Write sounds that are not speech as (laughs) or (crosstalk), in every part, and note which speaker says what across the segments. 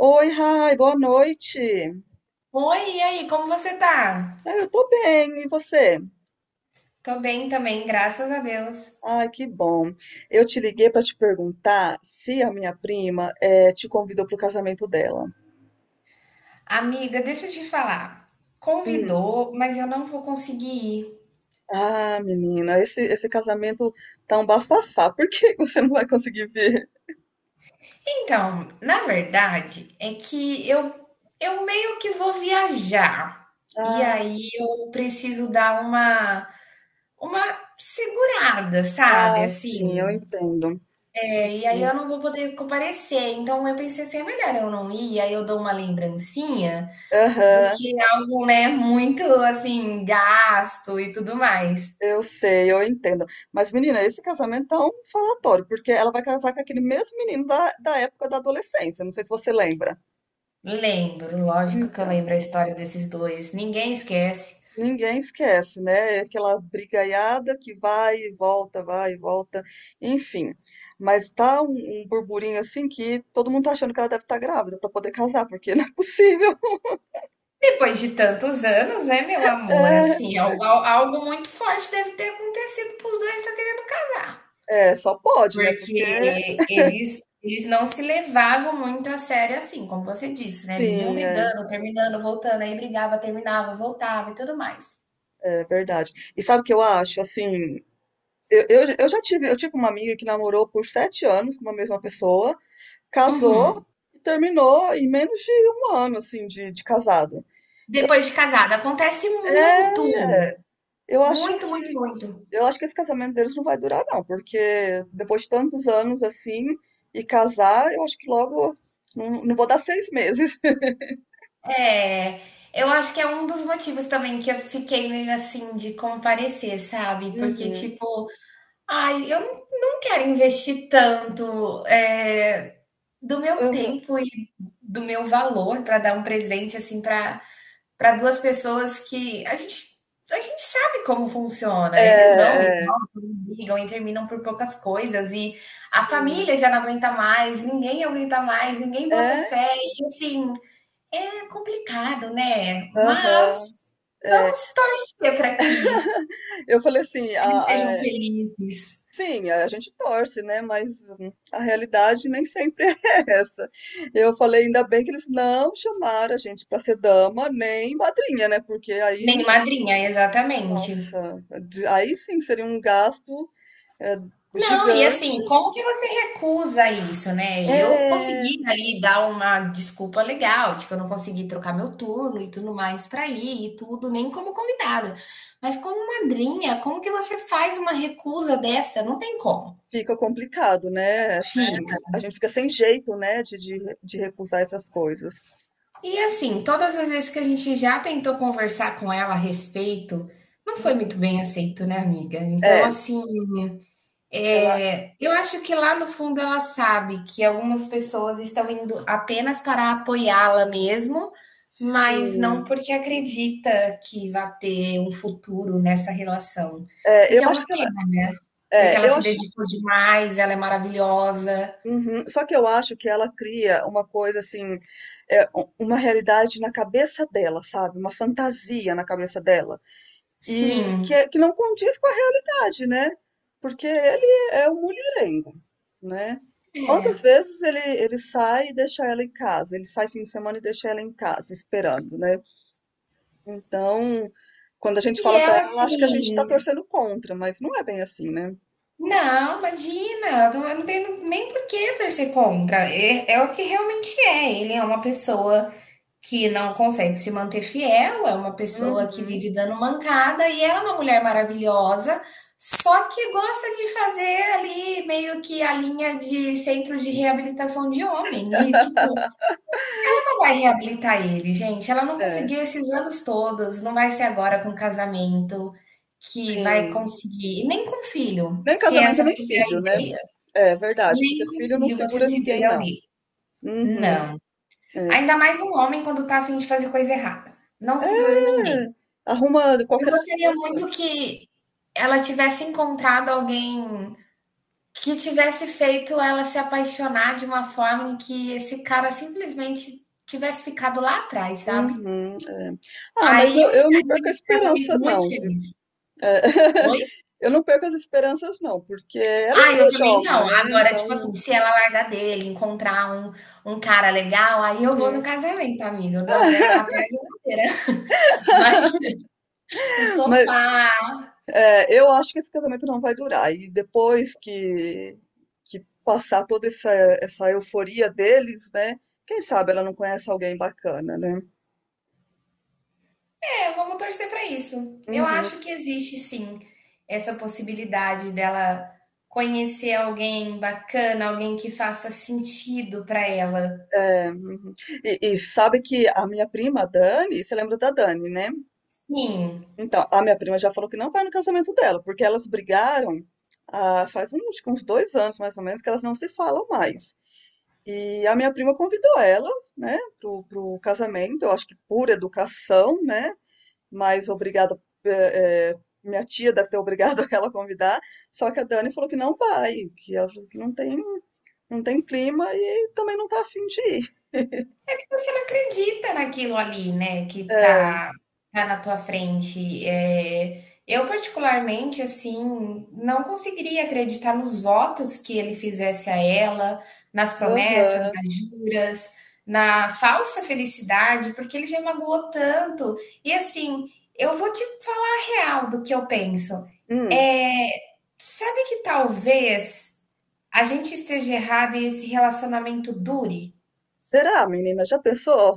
Speaker 1: Oi, Rai, boa noite.
Speaker 2: Oi, e aí, como você tá?
Speaker 1: Ah, eu tô bem, e você?
Speaker 2: Tô bem também, graças a Deus.
Speaker 1: Ai, que bom. Eu te liguei pra te perguntar se a minha prima te convidou pro casamento dela.
Speaker 2: Amiga, deixa eu te falar.
Speaker 1: Hum.
Speaker 2: Convidou, mas eu não vou conseguir ir.
Speaker 1: Ah, menina, esse casamento tá um bafafá. Por que (laughs) você não vai conseguir vir?
Speaker 2: Então, na verdade, é que eu meio que vou viajar. E
Speaker 1: Ah,
Speaker 2: aí eu preciso dar uma segurada, sabe?
Speaker 1: ah, sim, eu
Speaker 2: Assim,
Speaker 1: entendo.
Speaker 2: é, e aí
Speaker 1: Uhum.
Speaker 2: eu não vou poder comparecer. Então eu pensei assim, é melhor eu não ir, aí eu dou uma lembrancinha do
Speaker 1: Aham,
Speaker 2: que algo, né, muito assim, gasto e tudo mais.
Speaker 1: eu sei, eu entendo. Mas, menina, esse casamento tá um falatório, porque ela vai casar com aquele mesmo menino da época da adolescência. Não sei se você lembra.
Speaker 2: Lembro, lógico que eu
Speaker 1: Então.
Speaker 2: lembro a história desses dois, ninguém esquece.
Speaker 1: Ninguém esquece, né? É aquela brigaiada que vai e volta, enfim. Mas tá um burburinho assim que todo mundo tá achando que ela deve estar grávida pra poder casar, porque (laughs) não é possível. (laughs)
Speaker 2: Depois de tantos anos, né, meu amor?
Speaker 1: É,
Speaker 2: Assim, algo, algo muito forte deve ter acontecido para os dois estar querendo casar.
Speaker 1: é, só pode, né? Porque
Speaker 2: Porque eles não se levavam muito a sério assim, como você disse, né? Viviam
Speaker 1: sim, é,
Speaker 2: brigando, terminando, voltando, aí brigava, terminava, voltava e tudo mais.
Speaker 1: é verdade. E sabe o que eu acho? Assim, eu tive uma amiga que namorou por 7 anos com uma mesma pessoa, casou
Speaker 2: Uhum.
Speaker 1: e terminou em menos de um ano, assim, de casado.
Speaker 2: Depois de casada, acontece muito.
Speaker 1: É, é, eu acho
Speaker 2: Muito,
Speaker 1: que
Speaker 2: muito, muito.
Speaker 1: Eu acho que esse casamento deles não vai durar, não, porque depois de tantos anos assim, e casar, eu acho que logo. Não vou dar 6 meses. (laughs)
Speaker 2: É, eu acho que é um dos motivos também que eu fiquei meio assim de comparecer, sabe? Porque,
Speaker 1: Uhum,
Speaker 2: tipo, ai, eu não quero investir tanto, do meu
Speaker 1: uhum.
Speaker 2: tempo e do meu valor para dar um presente, assim, para para 2 pessoas que a gente sabe como funciona. Eles vão e
Speaker 1: É, é,
Speaker 2: voltam, e brigam e terminam por poucas coisas, e a
Speaker 1: sim.
Speaker 2: família já não aguenta mais, ninguém aguenta mais, ninguém bota
Speaker 1: É,
Speaker 2: fé e, assim, é complicado, né?
Speaker 1: aham,
Speaker 2: Mas
Speaker 1: é.
Speaker 2: vamos torcer para que
Speaker 1: (laughs) Eu falei assim,
Speaker 2: eles sejam felizes.
Speaker 1: sim, a gente torce, né? Mas a realidade nem sempre (laughs) é essa. Eu falei, ainda bem que eles não chamaram a gente para ser dama nem madrinha, né? Porque aí,
Speaker 2: Nem madrinha, exatamente.
Speaker 1: nossa, aí sim seria um gasto é,
Speaker 2: Não, e
Speaker 1: gigante.
Speaker 2: assim, como que você recusa isso, né? Eu
Speaker 1: É,
Speaker 2: consegui ali dar uma desculpa legal, tipo, eu não consegui trocar meu turno e tudo mais para ir e tudo, nem como convidada. Mas como madrinha, como que você faz uma recusa dessa? Não tem como.
Speaker 1: fica complicado, né? Assim,
Speaker 2: Sim.
Speaker 1: a gente fica sem jeito, né, de recusar essas coisas.
Speaker 2: E assim, todas as vezes que a gente já tentou conversar com ela a respeito, não foi muito
Speaker 1: Uhum.
Speaker 2: bem aceito, né, amiga? Então,
Speaker 1: É,
Speaker 2: assim,
Speaker 1: ela,
Speaker 2: é, eu acho que lá no fundo ela sabe que algumas pessoas estão indo apenas para apoiá-la mesmo, mas não
Speaker 1: sim.
Speaker 2: porque acredita que vai ter um futuro nessa relação.
Speaker 1: É,
Speaker 2: O
Speaker 1: eu
Speaker 2: que é
Speaker 1: acho
Speaker 2: uma
Speaker 1: que ela,
Speaker 2: pena, porque ela
Speaker 1: eu
Speaker 2: se
Speaker 1: acho,
Speaker 2: dedicou demais, ela é maravilhosa.
Speaker 1: uhum. Só que eu acho que ela cria uma coisa assim, uma realidade na cabeça dela, sabe? Uma fantasia na cabeça dela. E que,
Speaker 2: Sim,
Speaker 1: que não condiz com a realidade, né? Porque ele é um mulherengo, né?
Speaker 2: é.
Speaker 1: Quantas vezes ele sai e deixa ela em casa? Ele sai fim de semana e deixa ela em casa, esperando, né? Então, quando a gente
Speaker 2: E
Speaker 1: fala pra
Speaker 2: ela,
Speaker 1: ela, ela acha que a gente tá
Speaker 2: assim,
Speaker 1: torcendo contra, mas não é bem assim, né?
Speaker 2: não, imagina, eu não tenho nem por que torcer contra. É, é o que realmente é. Ele é uma pessoa que não consegue se manter fiel, é uma pessoa que
Speaker 1: Uhum,
Speaker 2: vive dando mancada e ela é uma mulher maravilhosa, só que gosta de fazer ali meio que a linha de centro de reabilitação de homem. E tipo, vai reabilitar ele, gente. Ela não
Speaker 1: é,
Speaker 2: conseguiu esses anos todos, não vai ser agora com casamento que vai
Speaker 1: sim.
Speaker 2: conseguir, e nem com filho,
Speaker 1: Nem
Speaker 2: se
Speaker 1: casamento,
Speaker 2: essa
Speaker 1: nem
Speaker 2: foi a
Speaker 1: filho, né?
Speaker 2: ideia.
Speaker 1: É verdade, porque
Speaker 2: Nem com
Speaker 1: filho não
Speaker 2: filho você
Speaker 1: segura ninguém,
Speaker 2: segura
Speaker 1: não.
Speaker 2: alguém.
Speaker 1: Uhum,
Speaker 2: Não.
Speaker 1: é.
Speaker 2: Ainda mais um homem quando tá a fim de fazer coisa errada. Não segura
Speaker 1: É,
Speaker 2: ninguém.
Speaker 1: arruma
Speaker 2: Eu
Speaker 1: qualquer
Speaker 2: gostaria
Speaker 1: desculpa.
Speaker 2: muito que ela tivesse encontrado alguém que tivesse feito ela se apaixonar de uma forma em que esse cara simplesmente tivesse ficado lá atrás, sabe?
Speaker 1: Uhum, é. Ah, mas
Speaker 2: Aí
Speaker 1: eu,
Speaker 2: eu
Speaker 1: eu não
Speaker 2: estaria
Speaker 1: perco a
Speaker 2: nesse casamento
Speaker 1: esperança
Speaker 2: muito
Speaker 1: não, viu?
Speaker 2: feliz.
Speaker 1: É.
Speaker 2: Oi?
Speaker 1: (laughs) Eu não perco as esperanças não, porque ela
Speaker 2: Ah,
Speaker 1: ainda
Speaker 2: eu
Speaker 1: é
Speaker 2: também
Speaker 1: jovem,
Speaker 2: não.
Speaker 1: né?
Speaker 2: Agora,
Speaker 1: Então,
Speaker 2: tipo assim, se ela largar dele, encontrar um, um cara legal, aí eu vou no
Speaker 1: uhum.
Speaker 2: casamento, amiga. Eu dou até, até a geladeira. (laughs) Mas
Speaker 1: (laughs)
Speaker 2: o
Speaker 1: Mas
Speaker 2: sofá.
Speaker 1: é, eu acho que esse casamento não vai durar. E depois que passar toda essa euforia deles, né? Quem sabe ela não conhece alguém bacana, né?
Speaker 2: É, vamos torcer pra isso. Eu
Speaker 1: Uhum,
Speaker 2: acho que existe sim essa possibilidade dela conhecer alguém bacana, alguém que faça sentido pra ela.
Speaker 1: é, uhum. E sabe que a minha prima, a Dani, você lembra da Dani, né?
Speaker 2: Sim.
Speaker 1: Então, a minha prima já falou que não vai no casamento dela, porque elas brigaram, ah, faz uns, acho que uns 2 anos mais ou menos que elas não se falam mais. E a minha prima convidou ela, né, pro casamento, eu acho que por educação, né, mas obrigada, eh, eh, minha tia deve ter obrigado (laughs) ela a convidar, só que a Dani falou que não vai, que ela falou que não tem clima e também não tá afim de ir.
Speaker 2: Você não acredita naquilo ali, né, que
Speaker 1: É,
Speaker 2: tá na tua frente. Eu particularmente, assim, não conseguiria acreditar nos votos que ele fizesse a ela, nas promessas,
Speaker 1: aham.
Speaker 2: nas juras, na falsa felicidade, porque ele já magoou tanto. E assim, eu vou te falar a real do que eu penso.
Speaker 1: Hum.
Speaker 2: Eh, sabe que talvez a gente esteja errado e esse relacionamento dure?
Speaker 1: Será, menina? Já pensou?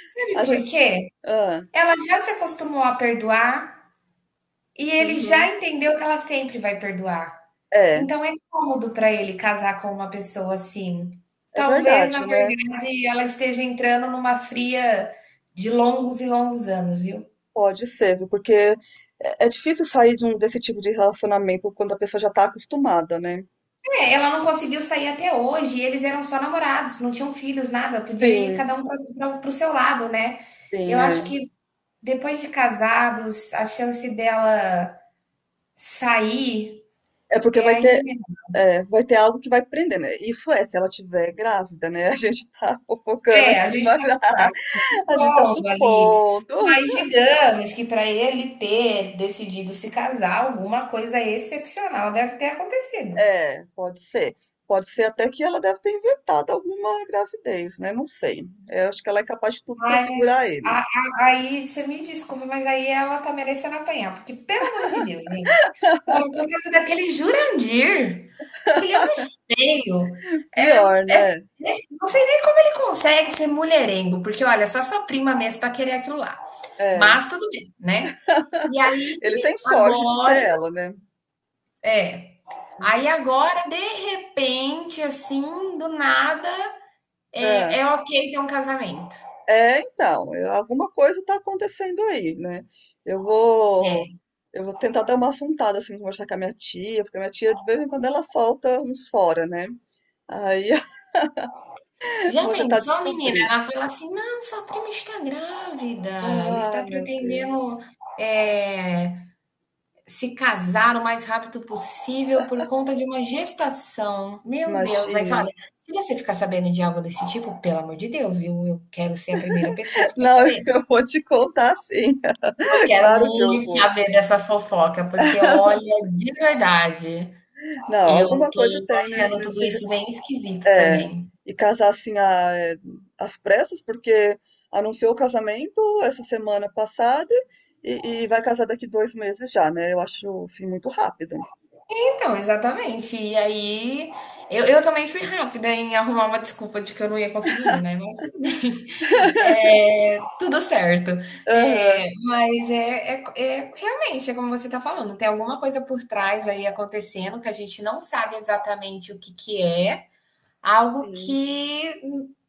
Speaker 2: Sabe
Speaker 1: A gente,
Speaker 2: por quê?
Speaker 1: ah,
Speaker 2: Ela já se acostumou a perdoar e ele já
Speaker 1: uhum.
Speaker 2: entendeu que ela sempre vai perdoar.
Speaker 1: É,
Speaker 2: Então é cômodo para ele casar com uma pessoa assim.
Speaker 1: é
Speaker 2: Talvez, na
Speaker 1: verdade, né?
Speaker 2: verdade, ela esteja entrando numa fria de longos e longos anos, viu?
Speaker 1: Pode ser, viu? Porque é difícil sair de desse tipo de relacionamento quando a pessoa já está acostumada, né?
Speaker 2: É, ela não conseguiu sair até hoje, e eles eram só namorados, não tinham filhos, nada, podia ir cada
Speaker 1: Sim,
Speaker 2: um para o seu lado, né?
Speaker 1: sim,
Speaker 2: Eu
Speaker 1: é.
Speaker 2: acho que depois de casados, a chance dela sair
Speaker 1: É porque
Speaker 2: é
Speaker 1: vai
Speaker 2: ainda
Speaker 1: ter,
Speaker 2: menor.
Speaker 1: é, vai ter algo que vai prender, né? Isso é, se ela tiver grávida, né? (laughs) A gente tá fofocando
Speaker 2: É, a
Speaker 1: aqui,
Speaker 2: gente
Speaker 1: mas
Speaker 2: tá.
Speaker 1: (laughs) a gente tá
Speaker 2: Solo ali.
Speaker 1: supondo.
Speaker 2: Mas digamos que para ele ter decidido se casar, alguma coisa excepcional deve ter acontecido.
Speaker 1: É, pode ser. Pode ser até que ela deve ter inventado alguma gravidez, né? Não sei. Eu acho que ela é capaz de tudo para segurar
Speaker 2: Mas
Speaker 1: ele.
Speaker 2: aí você me desculpa, mas aí ela tá merecendo apanhar, porque pelo amor de Deus, gente, olha, por causa daquele Jurandir, aquele homem feio,
Speaker 1: Pior, né?
Speaker 2: não sei nem como ele consegue ser mulherengo, porque olha, só sua prima mesmo para querer aquilo lá.
Speaker 1: É.
Speaker 2: Mas tudo bem, né? E aí,
Speaker 1: Ele tem sorte de
Speaker 2: agora,
Speaker 1: ter ela, né.
Speaker 2: aí
Speaker 1: Hum.
Speaker 2: agora, de repente, assim, do nada, é,
Speaker 1: Hã.
Speaker 2: é ok ter um casamento.
Speaker 1: É, então, alguma coisa tá acontecendo aí, né. Eu vou
Speaker 2: É.
Speaker 1: eu vou tentar dar uma assuntada, assim, conversar com a minha tia, porque a minha tia de vez em quando ela solta uns fora, né. Aí (laughs) eu
Speaker 2: Já
Speaker 1: vou tentar
Speaker 2: pensou, menina?
Speaker 1: descobrir.
Speaker 2: Ela fala assim: não, sua prima está grávida, ela
Speaker 1: Ah,
Speaker 2: está
Speaker 1: meu Deus,
Speaker 2: pretendendo, é, se casar o mais rápido possível por conta de uma gestação. Meu Deus, mas
Speaker 1: imagina.
Speaker 2: olha, se você ficar sabendo de algo desse tipo, pelo amor de Deus, eu quero ser a primeira pessoa a ficar
Speaker 1: Não, (laughs)
Speaker 2: sabendo.
Speaker 1: eu vou te contar sim.
Speaker 2: Eu
Speaker 1: (laughs)
Speaker 2: quero
Speaker 1: Claro que eu
Speaker 2: muito
Speaker 1: vou.
Speaker 2: saber dessa fofoca, porque olha, de verdade.
Speaker 1: Não,
Speaker 2: Eu
Speaker 1: alguma coisa
Speaker 2: tô
Speaker 1: tem nesse
Speaker 2: achando tudo
Speaker 1: nesse
Speaker 2: isso bem esquisito
Speaker 1: É,
Speaker 2: também.
Speaker 1: e casar assim às pressas, porque anunciou o casamento essa semana passada e vai casar daqui 2 meses já, né? Eu acho assim muito rápido.
Speaker 2: Então, exatamente. E aí, eu também fui rápida em arrumar uma desculpa de que eu não ia conseguir ir, né? Mas tudo bem. (laughs) É, tudo certo.
Speaker 1: Aham,
Speaker 2: É, mas realmente, é como você está falando, tem alguma coisa por trás aí acontecendo que a gente não sabe exatamente o que que é. Algo
Speaker 1: sim.
Speaker 2: que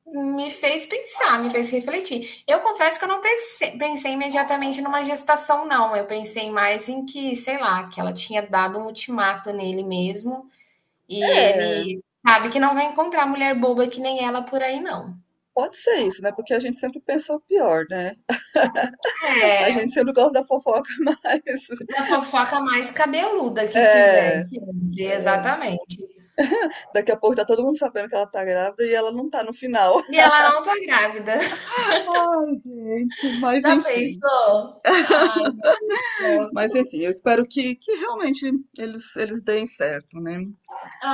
Speaker 2: me fez pensar, me fez refletir. Eu confesso que eu não pense- pensei, imediatamente, numa gestação, não. Eu pensei mais em que, sei lá, que ela tinha dado um ultimato nele mesmo e
Speaker 1: É,
Speaker 2: ele sabe que não vai encontrar mulher boba que nem ela por aí, não.
Speaker 1: pode ser isso, né? Porque a gente sempre pensa o pior, né? A gente sempre gosta da fofoca, (laughs) mas
Speaker 2: A fofoca mais cabeluda que
Speaker 1: é,
Speaker 2: tivesse,
Speaker 1: é,
Speaker 2: exatamente.
Speaker 1: daqui a pouco tá todo mundo sabendo que ela tá grávida e ela não tá no final.
Speaker 2: E ela não tá grávida.
Speaker 1: (laughs) Ai, gente,
Speaker 2: (laughs)
Speaker 1: mas
Speaker 2: Já
Speaker 1: enfim.
Speaker 2: pensou? Ai, céu,
Speaker 1: Mas
Speaker 2: tô.
Speaker 1: enfim, eu espero que realmente eles deem certo, né?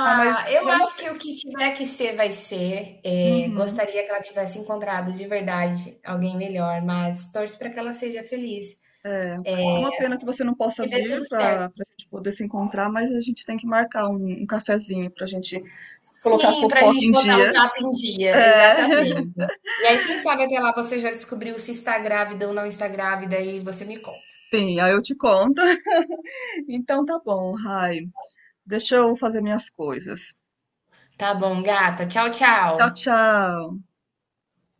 Speaker 1: Ah, mas
Speaker 2: eu
Speaker 1: é uma
Speaker 2: acho
Speaker 1: pena.
Speaker 2: que o que tiver que ser, vai ser. É,
Speaker 1: Uhum.
Speaker 2: gostaria que ela tivesse encontrado de verdade alguém melhor, mas torço para que ela seja feliz,
Speaker 1: É, é uma pena que você não possa
Speaker 2: que dê
Speaker 1: vir
Speaker 2: tudo certo.
Speaker 1: para a gente poder se encontrar, mas a gente tem que marcar um cafezinho para a gente colocar a
Speaker 2: Sim, para a
Speaker 1: fofoca
Speaker 2: gente
Speaker 1: em
Speaker 2: botar o
Speaker 1: dia.
Speaker 2: papo em dia,
Speaker 1: É, (laughs)
Speaker 2: exatamente. E aí, quem sabe até lá você já descobriu se está grávida ou não está grávida e você me conta.
Speaker 1: sim, aí eu te conto. (laughs) Então tá bom, Rai. Deixa eu fazer minhas coisas.
Speaker 2: Tá bom, gata. Tchau,
Speaker 1: Tchau,
Speaker 2: tchau.
Speaker 1: tchau.